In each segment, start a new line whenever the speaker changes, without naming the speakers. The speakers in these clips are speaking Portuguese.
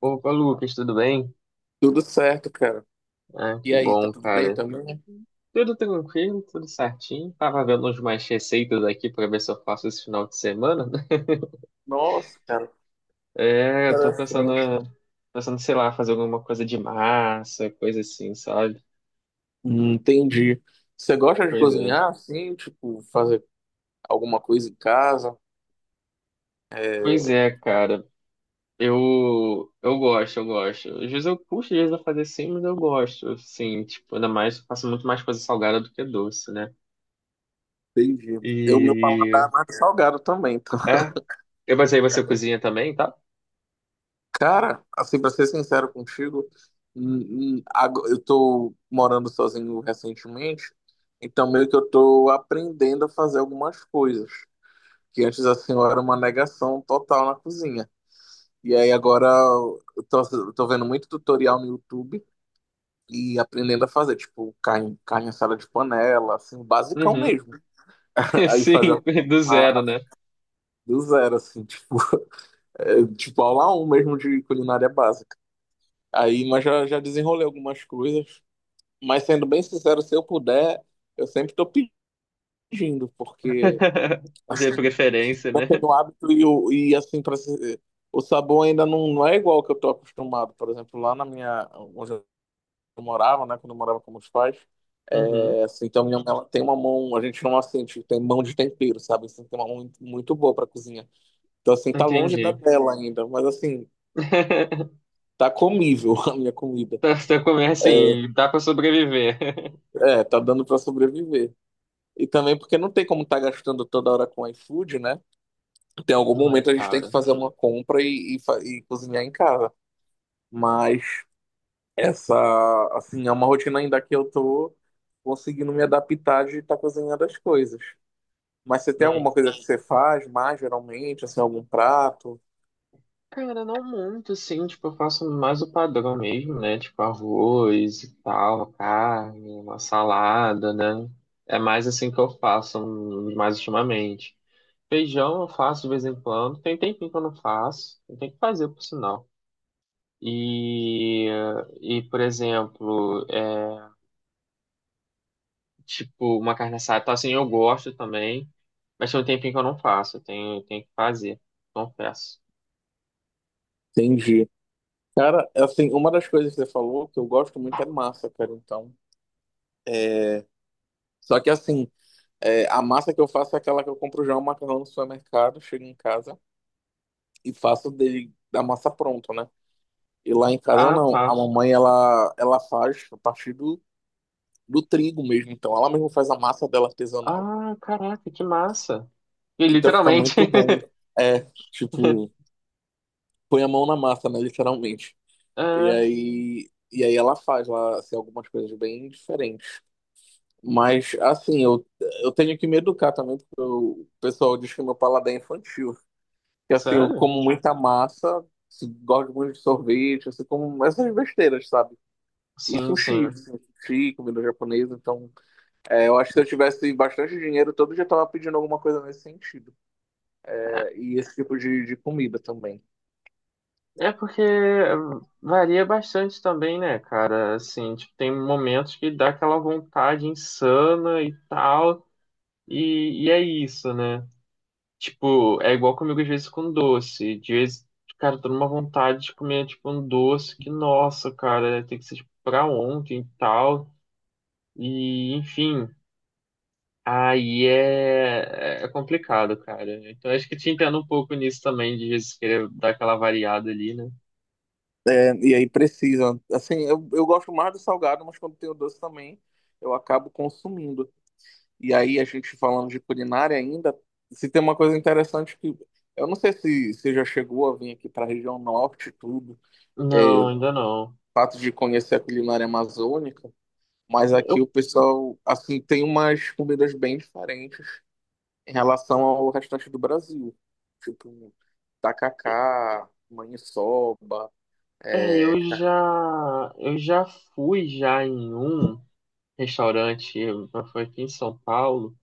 Opa, Lucas, tudo bem?
Tudo certo, cara.
Ah,
E
que
aí, tá
bom,
tudo bem
cara.
também?
Tudo tranquilo, tudo certinho. Tava vendo umas mais receitas aqui pra ver se eu faço esse final de semana,
Nossa, cara,
É, eu tô pensando,
interessante.
pensando, sei lá, fazer alguma coisa de massa, coisa assim, sabe?
Entendi. Você gosta de
Pois é.
cozinhar, assim, tipo, fazer alguma coisa em casa?
Pois é, cara. Eu gosto, eu gosto. Às vezes eu puxo, às vezes eu fazer sim, mas eu gosto, assim, tipo, ainda mais, eu faço muito mais coisa salgada do que doce, né?
Entendi. Eu, meu paladar
E,
é mais salgado também, tá?
é. Mas aí
É,
você cozinha também, tá?
cara, assim, pra ser sincero contigo, eu tô morando sozinho recentemente, então meio que eu tô aprendendo a fazer algumas coisas, que antes, assim, eu era uma negação total na cozinha. E aí agora eu tô vendo muito tutorial no YouTube e aprendendo a fazer, tipo, carne assada de panela, assim, o basicão
Uhum.
mesmo. Aí fazer
Sim,
a
do zero,
massa
né?
do zero, assim, tipo, é, tipo aula um mesmo de culinária básica. Aí, já desenrolei algumas coisas. Mas sendo bem sincero, se eu puder, eu sempre tô pedindo, porque,
De
assim,
preferência,
eu
né?
tenho hábito e, e assim, pra, se- o sabor ainda não é igual ao que eu tô acostumado. Por exemplo, lá na minha, onde eu morava, né? Quando eu morava com meus pais.
Uhum,
É, assim, então minha mãe ela tem uma mão, a gente não assim, tipo, tem mão de tempero, sabe? Assim, tem uma mão muito, muito boa pra cozinha. Então, assim, tá longe da
entendi.
dela ainda, mas assim, tá comível a minha comida.
Tá, você começa assim, dá pra sobreviver.
É, tá dando pra sobreviver. E também porque não tem como estar gastando toda hora com iFood, né? Tem algum
Não é,
momento a gente tem que
cara.
fazer uma compra e cozinhar em casa. Mas essa, assim, é uma rotina ainda que eu tô conseguindo me adaptar de estar cozinhando as coisas. Mas você tem
Não é-
alguma coisa que você faz mais geralmente, assim, algum prato?
Cara, não muito, assim, tipo, eu faço mais o padrão mesmo, né? Tipo, arroz e tal, carne, uma salada, né? É mais assim que eu faço, mais ultimamente. Feijão eu faço de vez em quando. Tem um tempinho que eu não faço. Tem que fazer, por sinal. E, e por exemplo, é, tipo, uma carne assada, tá, assim, eu gosto também, mas tem um tempinho que eu não faço, eu tenho que fazer, confesso.
Entendi. Cara, assim, uma das coisas que você falou que eu gosto muito é massa, cara. Então, é... só que assim, é, a massa que eu faço é aquela que eu compro já o macarrão no supermercado, chego em casa e faço dele da massa pronta, né? E lá em casa
Ah,
não. A
tá.
mamãe ela faz a partir do, do trigo mesmo. Então, ela mesmo faz a massa dela artesanal.
Ah, caraca, que massa. E
Então, fica
literalmente.
muito bom. É, tipo, põe a mão na massa, né? Literalmente. E
É,
aí, e aí ela faz lá assim, algumas coisas bem diferentes. Mas, assim, eu tenho que me educar também, porque o pessoal diz que meu paladar é infantil. Que, assim, eu
sério?
como muita massa, gosto muito de sorvete, assim, como essas besteiras, sabe? E
Sim,
sushi,
sim.
assim, sushi, comida japonesa. Então, é, eu acho que se eu tivesse bastante dinheiro, todo dia eu tava pedindo alguma coisa nesse sentido.
É
É, e esse tipo de comida também.
é porque varia bastante também, né, cara? Assim, tipo, tem momentos que dá aquela vontade insana e tal, e é isso, né? Tipo, é igual comigo às vezes com doce. De vez, cara, eu tô numa vontade de comer, tipo, um doce que, nossa, cara, tem que ser, tipo, pra ontem e tal. E, enfim, aí é complicado, cara. Então, acho que te entendo um pouco nisso também, de vezes querer dar aquela variada ali, né?
E aí precisa. Assim, eu gosto mais do salgado, mas quando tem o doce também, eu acabo consumindo. E aí, a gente falando de culinária ainda, se tem uma coisa interessante que. Eu não sei se você já chegou a vir aqui para a região norte e tudo, é,
Não,
o
ainda não.
fato de conhecer a culinária amazônica, mas aqui
Eu,
o pessoal, assim, tem umas comidas bem diferentes em relação ao restante do Brasil. Tipo, tacacá, maniçoba,
é,
é,
eu já, eu já fui já em um restaurante, foi aqui em São Paulo.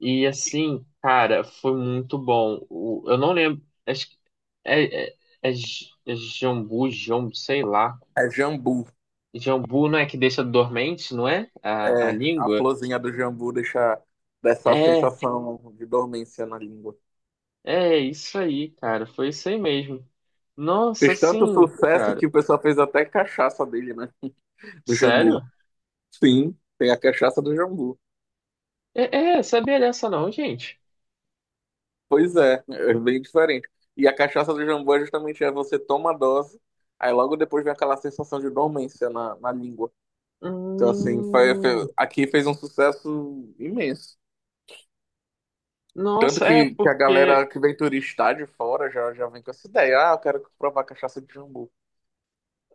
E assim, cara, foi muito bom. Eu não lembro. Acho que é, é, é jambu, jambu, sei lá.
é jambu.
Jambu não é que deixa dormente, não é? A
É, a
língua?
florzinha do jambu deixa dessa
É,
sensação de dormência na língua.
é isso aí, cara. Foi isso aí mesmo. Nossa,
Fez tanto
assim,
sucesso
cara.
que o pessoal fez até cachaça dele, né? Do jambu.
Sério?
Sim, tem a cachaça do jambu.
É, sabia dessa não, gente.
Pois é, é bem diferente. E a cachaça do jambu é justamente é você toma a dose, aí logo depois vem aquela sensação de dormência na, na língua. Então, assim,
Hum,
aqui fez um sucesso imenso. Tanto
nossa, é
que a
porque.
galera que vem turistar de fora já, já vem com essa ideia. Ah, eu quero provar cachaça de jambu.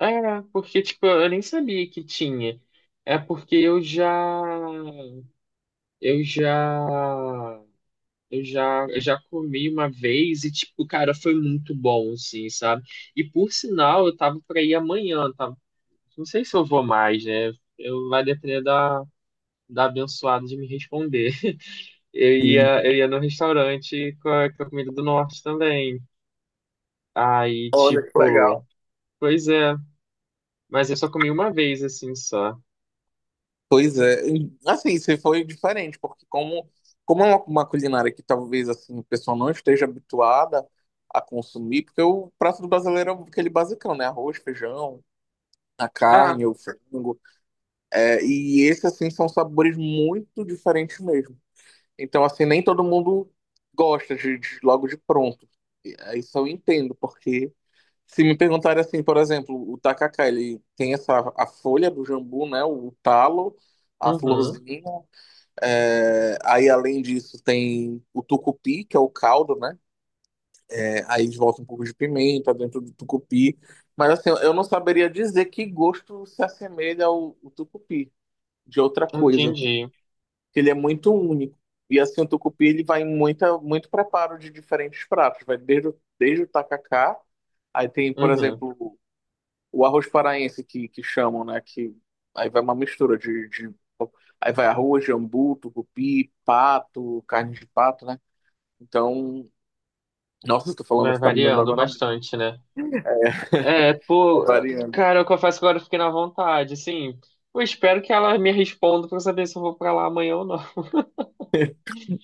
É, porque, tipo, eu nem sabia que tinha. É porque eu já. Eu já, eu já comi uma vez e, tipo, cara, foi muito bom, assim, sabe? E por sinal, eu tava pra ir amanhã, tá? Não sei se eu vou mais, né? Eu vai depender da, da abençoada de me responder. Eu
Sim.
ia, eu ia no restaurante com a comida do norte também. Aí,
Olha que
tipo,
legal.
pois é, mas eu só comi uma vez, assim, só.
Pois é, e, assim, se foi diferente, porque como é uma culinária que talvez assim, o pessoal não esteja habituada a consumir, porque o prato do brasileiro é aquele basicão, né? Arroz, feijão, a
Ah,
carne, o frango. É, e esses, assim, são sabores muito diferentes mesmo. Então, assim, nem todo mundo gosta logo de pronto. E, é, isso eu entendo, porque se me perguntarem assim, por exemplo, o tacacá, ele tem essa a folha do jambu, né? O talo, a
uhum,
florzinha. É, aí, além disso, tem o tucupi, que é o caldo, né? É, aí eles botam um pouco de pimenta dentro do tucupi. Mas assim, eu não saberia dizer que gosto se assemelha ao tucupi, de outra coisa.
entendi.
Ele é muito único. E assim, o tucupi, ele vai em muito preparo de diferentes pratos. Vai desde, desde o tacacá, aí tem, por
Uhum.
exemplo, o arroz paraense que chamam, né? Que aí vai uma mistura aí vai arroz, jambu, tucupi, pato, carne de pato, né? Então, nossa, estou falando,
Vai
você tá me dando
variando
água na boca,
bastante, né? É,
vai
pô,
variando.
cara, eu confesso que agora eu fiquei na vontade, assim. Eu espero que ela me responda pra eu saber se eu vou pra lá amanhã ou não,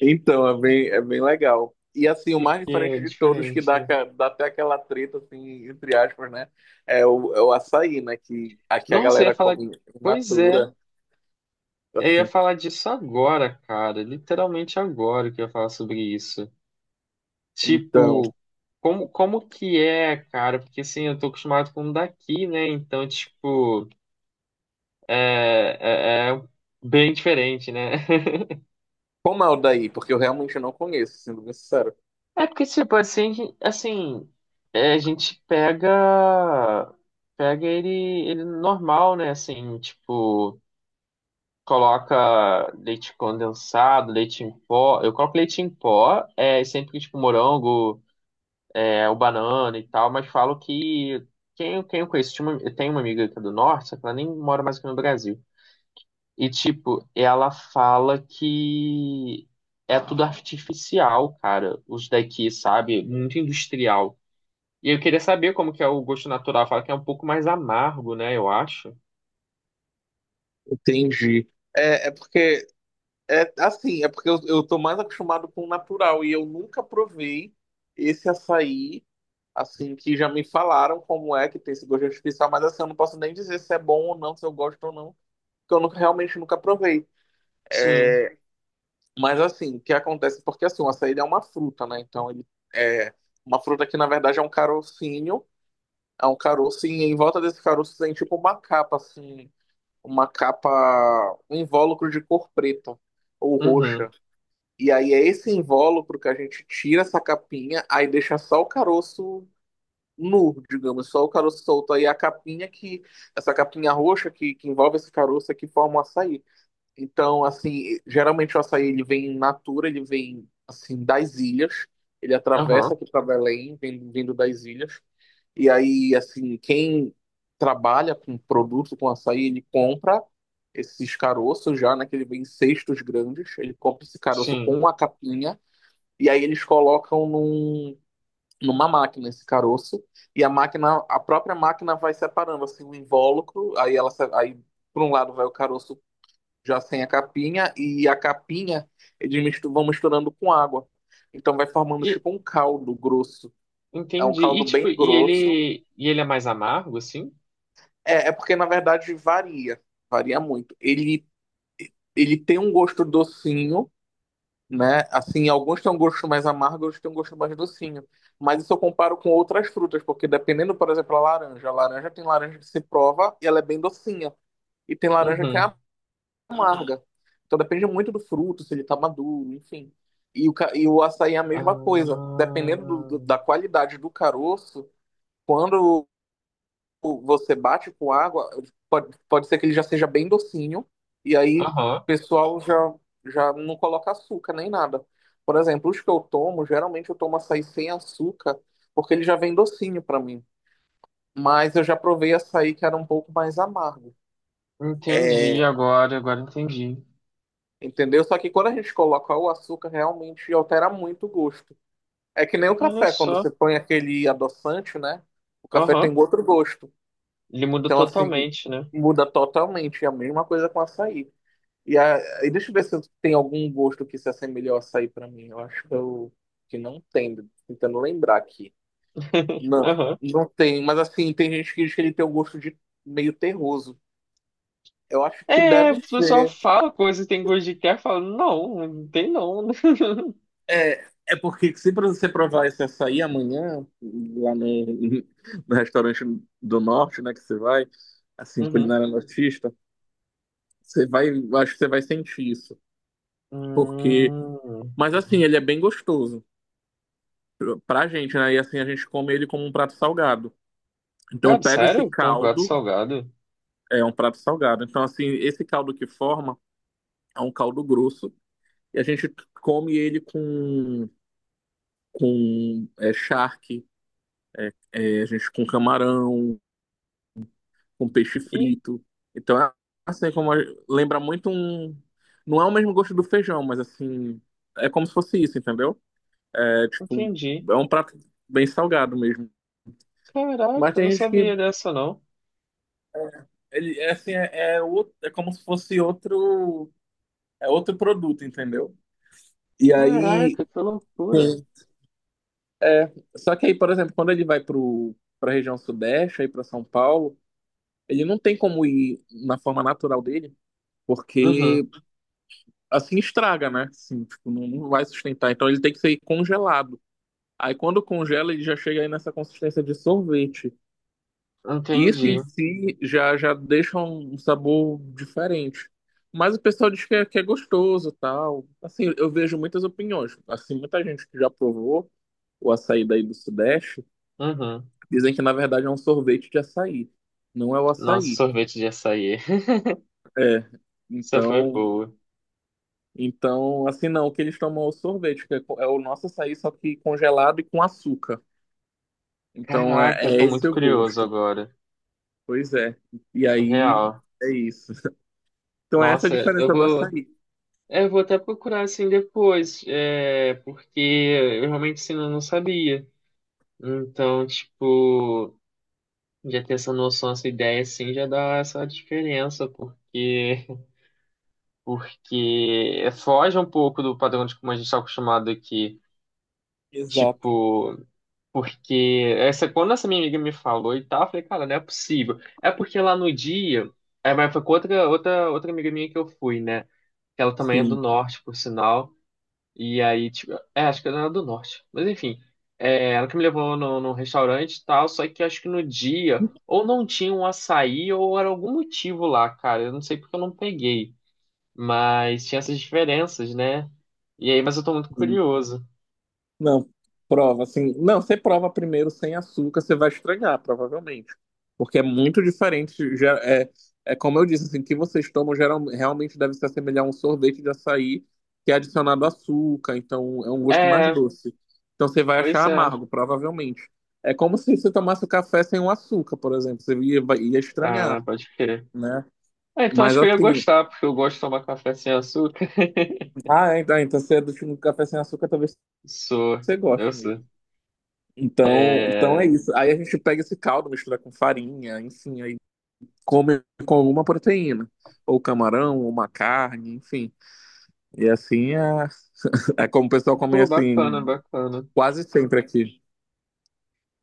Então, é bem legal. E assim, o mais
porque é
diferente de todos, que
diferente, né?
dá até aquela treta, assim, entre aspas, né? É o açaí, né? Que aqui a
Nossa, eu ia
galera
falar.
come in
Pois é,
natura,
eu ia
assim.
falar disso agora, cara. Literalmente agora que eu ia falar sobre isso.
Então,
Tipo, como que é, cara? Porque assim, eu tô acostumado com o daqui, né? Então, tipo, é bem diferente, né?
como é o daí? Porque eu realmente não conheço, sendo bem sincero.
É porque, tipo, assim, é, a gente pega ele normal, né? Assim, tipo, coloca leite condensado, leite em pó. Eu coloco leite em pó, é sempre tipo morango, é o banana e tal, mas falo que quem eu conheço, eu tenho uma amiga aqui do norte, só que ela nem mora mais aqui no Brasil. E, tipo, ela fala que é tudo artificial, cara, os daqui, sabe? Muito industrial. E eu queria saber como que é o gosto natural. Fala que é um pouco mais amargo, né? Eu acho.
Entendi. É porque é assim, é porque eu tô mais acostumado com o natural e eu nunca provei esse açaí, assim, que já me falaram como é que tem esse gosto artificial, mas assim, eu não posso nem dizer se é bom ou não, se eu gosto ou não, porque eu nunca, realmente nunca provei.
Sim.
Mas assim, o que acontece? Porque assim, o açaí é uma fruta, né? Então ele é uma fruta que na verdade é um carocinho, é um caroço e em volta desse caroço tem tipo uma capa, assim, uma capa, um invólucro de cor preta ou
Uhum.
roxa. E aí é esse invólucro que a gente tira essa capinha, aí deixa só o caroço nu, digamos, só o caroço solto. Aí é a capinha essa capinha roxa que envolve esse caroço é que forma o açaí. Então, assim, geralmente o açaí ele vem in natura, ele vem, assim, das ilhas. Ele atravessa
Aham.
aqui para Belém, vindo das ilhas. E aí, assim, quem trabalha com produto, com açaí, ele compra esses caroços já, né? Que ele vem em cestos grandes. Ele compra esse caroço
Sim.
com a capinha e aí eles colocam numa máquina esse caroço e a máquina, a própria máquina vai separando assim o invólucro, aí ela se- aí por um lado vai o caroço já sem a capinha e a capinha eles vão misturando com água. Então vai formando
E
tipo um caldo grosso. É um
entendi. E
caldo
tipo,
bem
e
grosso.
ele e ele é mais amargo, assim?
É, é porque na verdade varia muito. Ele tem um gosto docinho, né? Assim, alguns têm um gosto mais amargo, outros têm um gosto mais docinho. Mas isso eu comparo com outras frutas, porque dependendo, por exemplo, a laranja. A laranja tem laranja que se prova e ela é bem docinha. E tem laranja que
Uhum.
é amarga. Então depende muito do fruto, se ele tá maduro, enfim. E e o açaí é a mesma coisa. Dependendo
Ah.
da qualidade do caroço, quando você bate com água, pode ser que ele já seja bem docinho, e aí o
Aham.
pessoal já, já não coloca açúcar nem nada. Por exemplo, os que eu tomo, geralmente eu tomo açaí sem açúcar, porque ele já vem docinho pra mim. Mas eu já provei açaí que era um pouco mais amargo.
Entendi
É,
agora, agora entendi.
entendeu? Só que quando a gente coloca o açúcar, realmente altera muito o gosto. É que nem o
Olha
café, quando
só.
você põe aquele adoçante, né? O café
Aham.
tem outro gosto.
Ele muda
Então, assim,
totalmente, né?
muda totalmente. É a mesma coisa com açaí. E aí, deixa eu ver se tem algum gosto que se assemelhe ao açaí pra mim. Eu acho que não tem, tô tentando lembrar aqui. Não,
Aham.
não tem, mas assim, tem gente que diz que ele tem um gosto de meio terroso. Eu acho que
É,
deve
o pessoal
ser.
fala coisa, tem gosto de quer, fala, não, não tem não.
É, é porque se pra você provar esse açaí amanhã, lá no, no restaurante do norte, né, que você vai, assim,
Uhum.
culinária nortista, você vai, eu acho que você vai sentir isso. Porque,
Hum.
mas assim, ele é bem gostoso. Pra gente, né? E assim a gente come ele como um prato salgado. Então
Cara,
pega esse
sério? Com um prato
caldo,
salgado?
é um prato salgado. Então assim, esse caldo que forma é um caldo grosso e a gente come ele com é, charque, é, a gente com camarão, com peixe
Ih,
frito. Então é assim lembra muito um não é o mesmo gosto do feijão, mas assim é como se fosse isso, entendeu? É tipo
entendi.
é um prato bem salgado mesmo. Mas
Caraca, eu não
tem gente que
sabia dessa, não.
ele é assim, é como se fosse outro, é outro produto, entendeu? E aí,
Caraca, que loucura.
sim. É, só que aí, por exemplo, quando ele vai pro para a região sudeste, aí para São Paulo, ele não tem como ir na forma natural dele,
Uhum,
porque assim estraga, né? Assim, tipo, não vai sustentar. Então ele tem que ser congelado. Aí quando congela, ele já chega aí nessa consistência de sorvete. Isso em
entendi.
si já, já deixa um sabor diferente. Mas o pessoal diz que é gostoso, tal. Assim, eu vejo muitas opiniões. Assim, muita gente que já provou o açaí daí do Sudeste
Uhum.
dizem que na verdade é um sorvete de açaí, não é o
Nossa,
açaí.
sorvete de açaí.
É.
Essa foi
Então,
boa.
então assim não, o que eles tomam é o sorvete, é o nosso açaí só que congelado e com açúcar. Então
Caraca, eu
é
tô muito
esse o
curioso
gosto.
agora.
Pois é. E aí
Real.
é isso. Então é essa a
Nossa,
diferença do açaí.
eu vou até procurar assim depois. É, porque eu realmente assim, não sabia. Então, tipo, já ter essa noção, essa ideia assim, já dá essa diferença, porque. Porque foge um pouco do padrão de como a gente está acostumado aqui.
Exato.
Tipo, quando essa minha amiga me falou e tal, eu falei, cara, não é possível. É porque lá no dia, mas foi com outra amiga minha que eu fui, né? Que ela também é do
Sim,
norte, por sinal. E aí, tipo, acho que ela era do norte. Mas enfim, ela que me levou no restaurante e tal, só que acho que no dia, ou não tinha um açaí, ou era algum motivo lá, cara. Eu não sei porque eu não peguei. Mas tinha essas diferenças, né? E aí, mas eu tô muito
sim.
curioso.
Não, prova assim. Não, você prova primeiro sem açúcar, você vai estragar provavelmente. Porque é muito diferente. É como eu disse, assim, o que vocês tomam geral, realmente deve se assemelhar a um sorvete de açaí que é adicionado açúcar, então é um gosto mais
É,
doce. Então você vai
pois
achar
é.
amargo, provavelmente. É como se você tomasse o café sem o açúcar, por exemplo. Ia
Ah,
estranhar,
pode crer.
né?
Ah, então
Mas
acho que eu ia
assim,
gostar, porque eu gosto de tomar café sem açúcar.
ah, então, então você é do time do café sem açúcar, talvez
Sou,
você
eu
goste
sou.
mesmo. Então, então é
É.
isso. Aí a gente pega esse caldo, mistura com farinha, enfim, aí come com alguma proteína. Ou camarão, ou uma carne, enfim. E assim é, é como o pessoal come
Pô, bacana,
assim
bacana.
quase sempre aqui.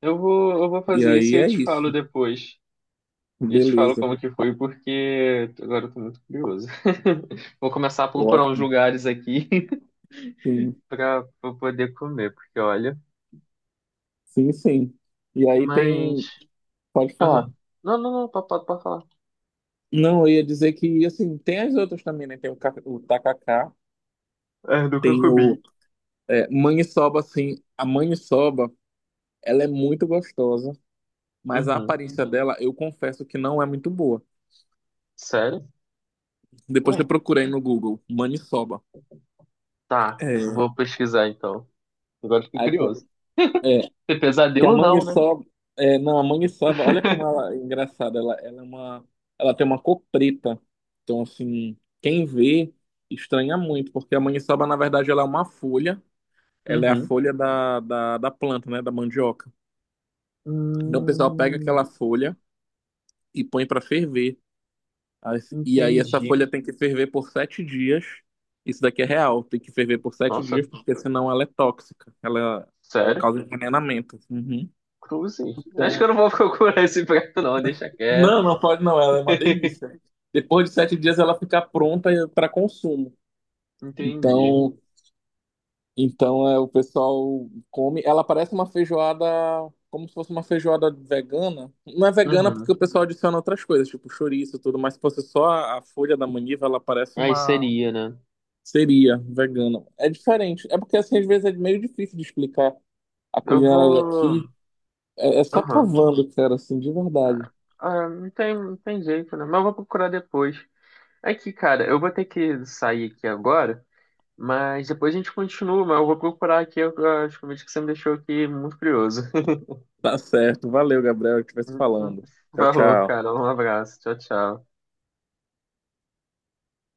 Eu vou
E
fazer isso
aí
e eu
é
te falo
isso.
depois. E eu te falo
Beleza.
como que foi, porque agora eu tô muito curioso. Vou começar a procurar uns
Ótimo.
lugares aqui
Sim,
pra poder comer, porque olha.
sim. E aí
Mas.
tem. Pode falar.
Aham. Não, não, não, pode falar.
Não, eu ia dizer que assim, tem as outras também, né? Tem o tacacá,
É, do que eu
tem
comi.
maniçoba, assim. A maniçoba, ela é muito gostosa. Mas a
Uhum.
aparência dela, eu confesso que não é muito boa.
Sério?
Depois eu
Ué,
procurei no Google, maniçoba.
tá.
É.
Vou pesquisar então. Agora fiquei
Aí,
curioso.
é,
Ter
que a
pesadelo ou não, né?
maniçoba. É, não, a maniçoba, olha como ela é engraçada. Ela é uma, ela tem uma cor preta. Então, assim, quem vê estranha muito, porque a maniçoba, na verdade, ela é uma folha. Ela é a
Uhum.
folha da planta, né? Da mandioca. Então, o pessoal pega aquela
Hum,
folha e põe para ferver. E aí essa
entendi.
folha tem que ferver por 7 dias. Isso daqui é real, tem que ferver por sete
Nossa,
dias, porque senão ela é tóxica. Ela
sério?
causa envenenamento. Uhum.
Cruze. Acho que eu
Então,
não vou procurar esse prato, não. Deixa quieto.
não pode não, ela é uma delícia. Depois de 7 dias ela fica pronta para consumo.
Entendi.
Então, então é, o pessoal come. Ela parece uma feijoada, como se fosse uma feijoada vegana. Não é vegana porque
Uhum.
o pessoal adiciona outras coisas, tipo chouriço e tudo, mas se fosse só a folha da maniva, ela parece
Aí
uma
seria, né?
seria vegano. É diferente. É porque assim, às vezes é meio difícil de explicar a
Eu
culinária
vou.
daqui. É, é só
Aham.
provando, cara, assim, de verdade.
Ah, ah, não tem, jeito, né? Mas eu vou procurar depois. É que, cara, eu vou ter que sair aqui agora. Mas depois a gente continua, mas eu vou procurar aqui as comidas que você me deixou aqui muito curioso.
Tá certo. Valeu, Gabriel, que vai se falando. Tchau,
Valeu,
tchau.
cara. Um abraço. Tchau, tchau.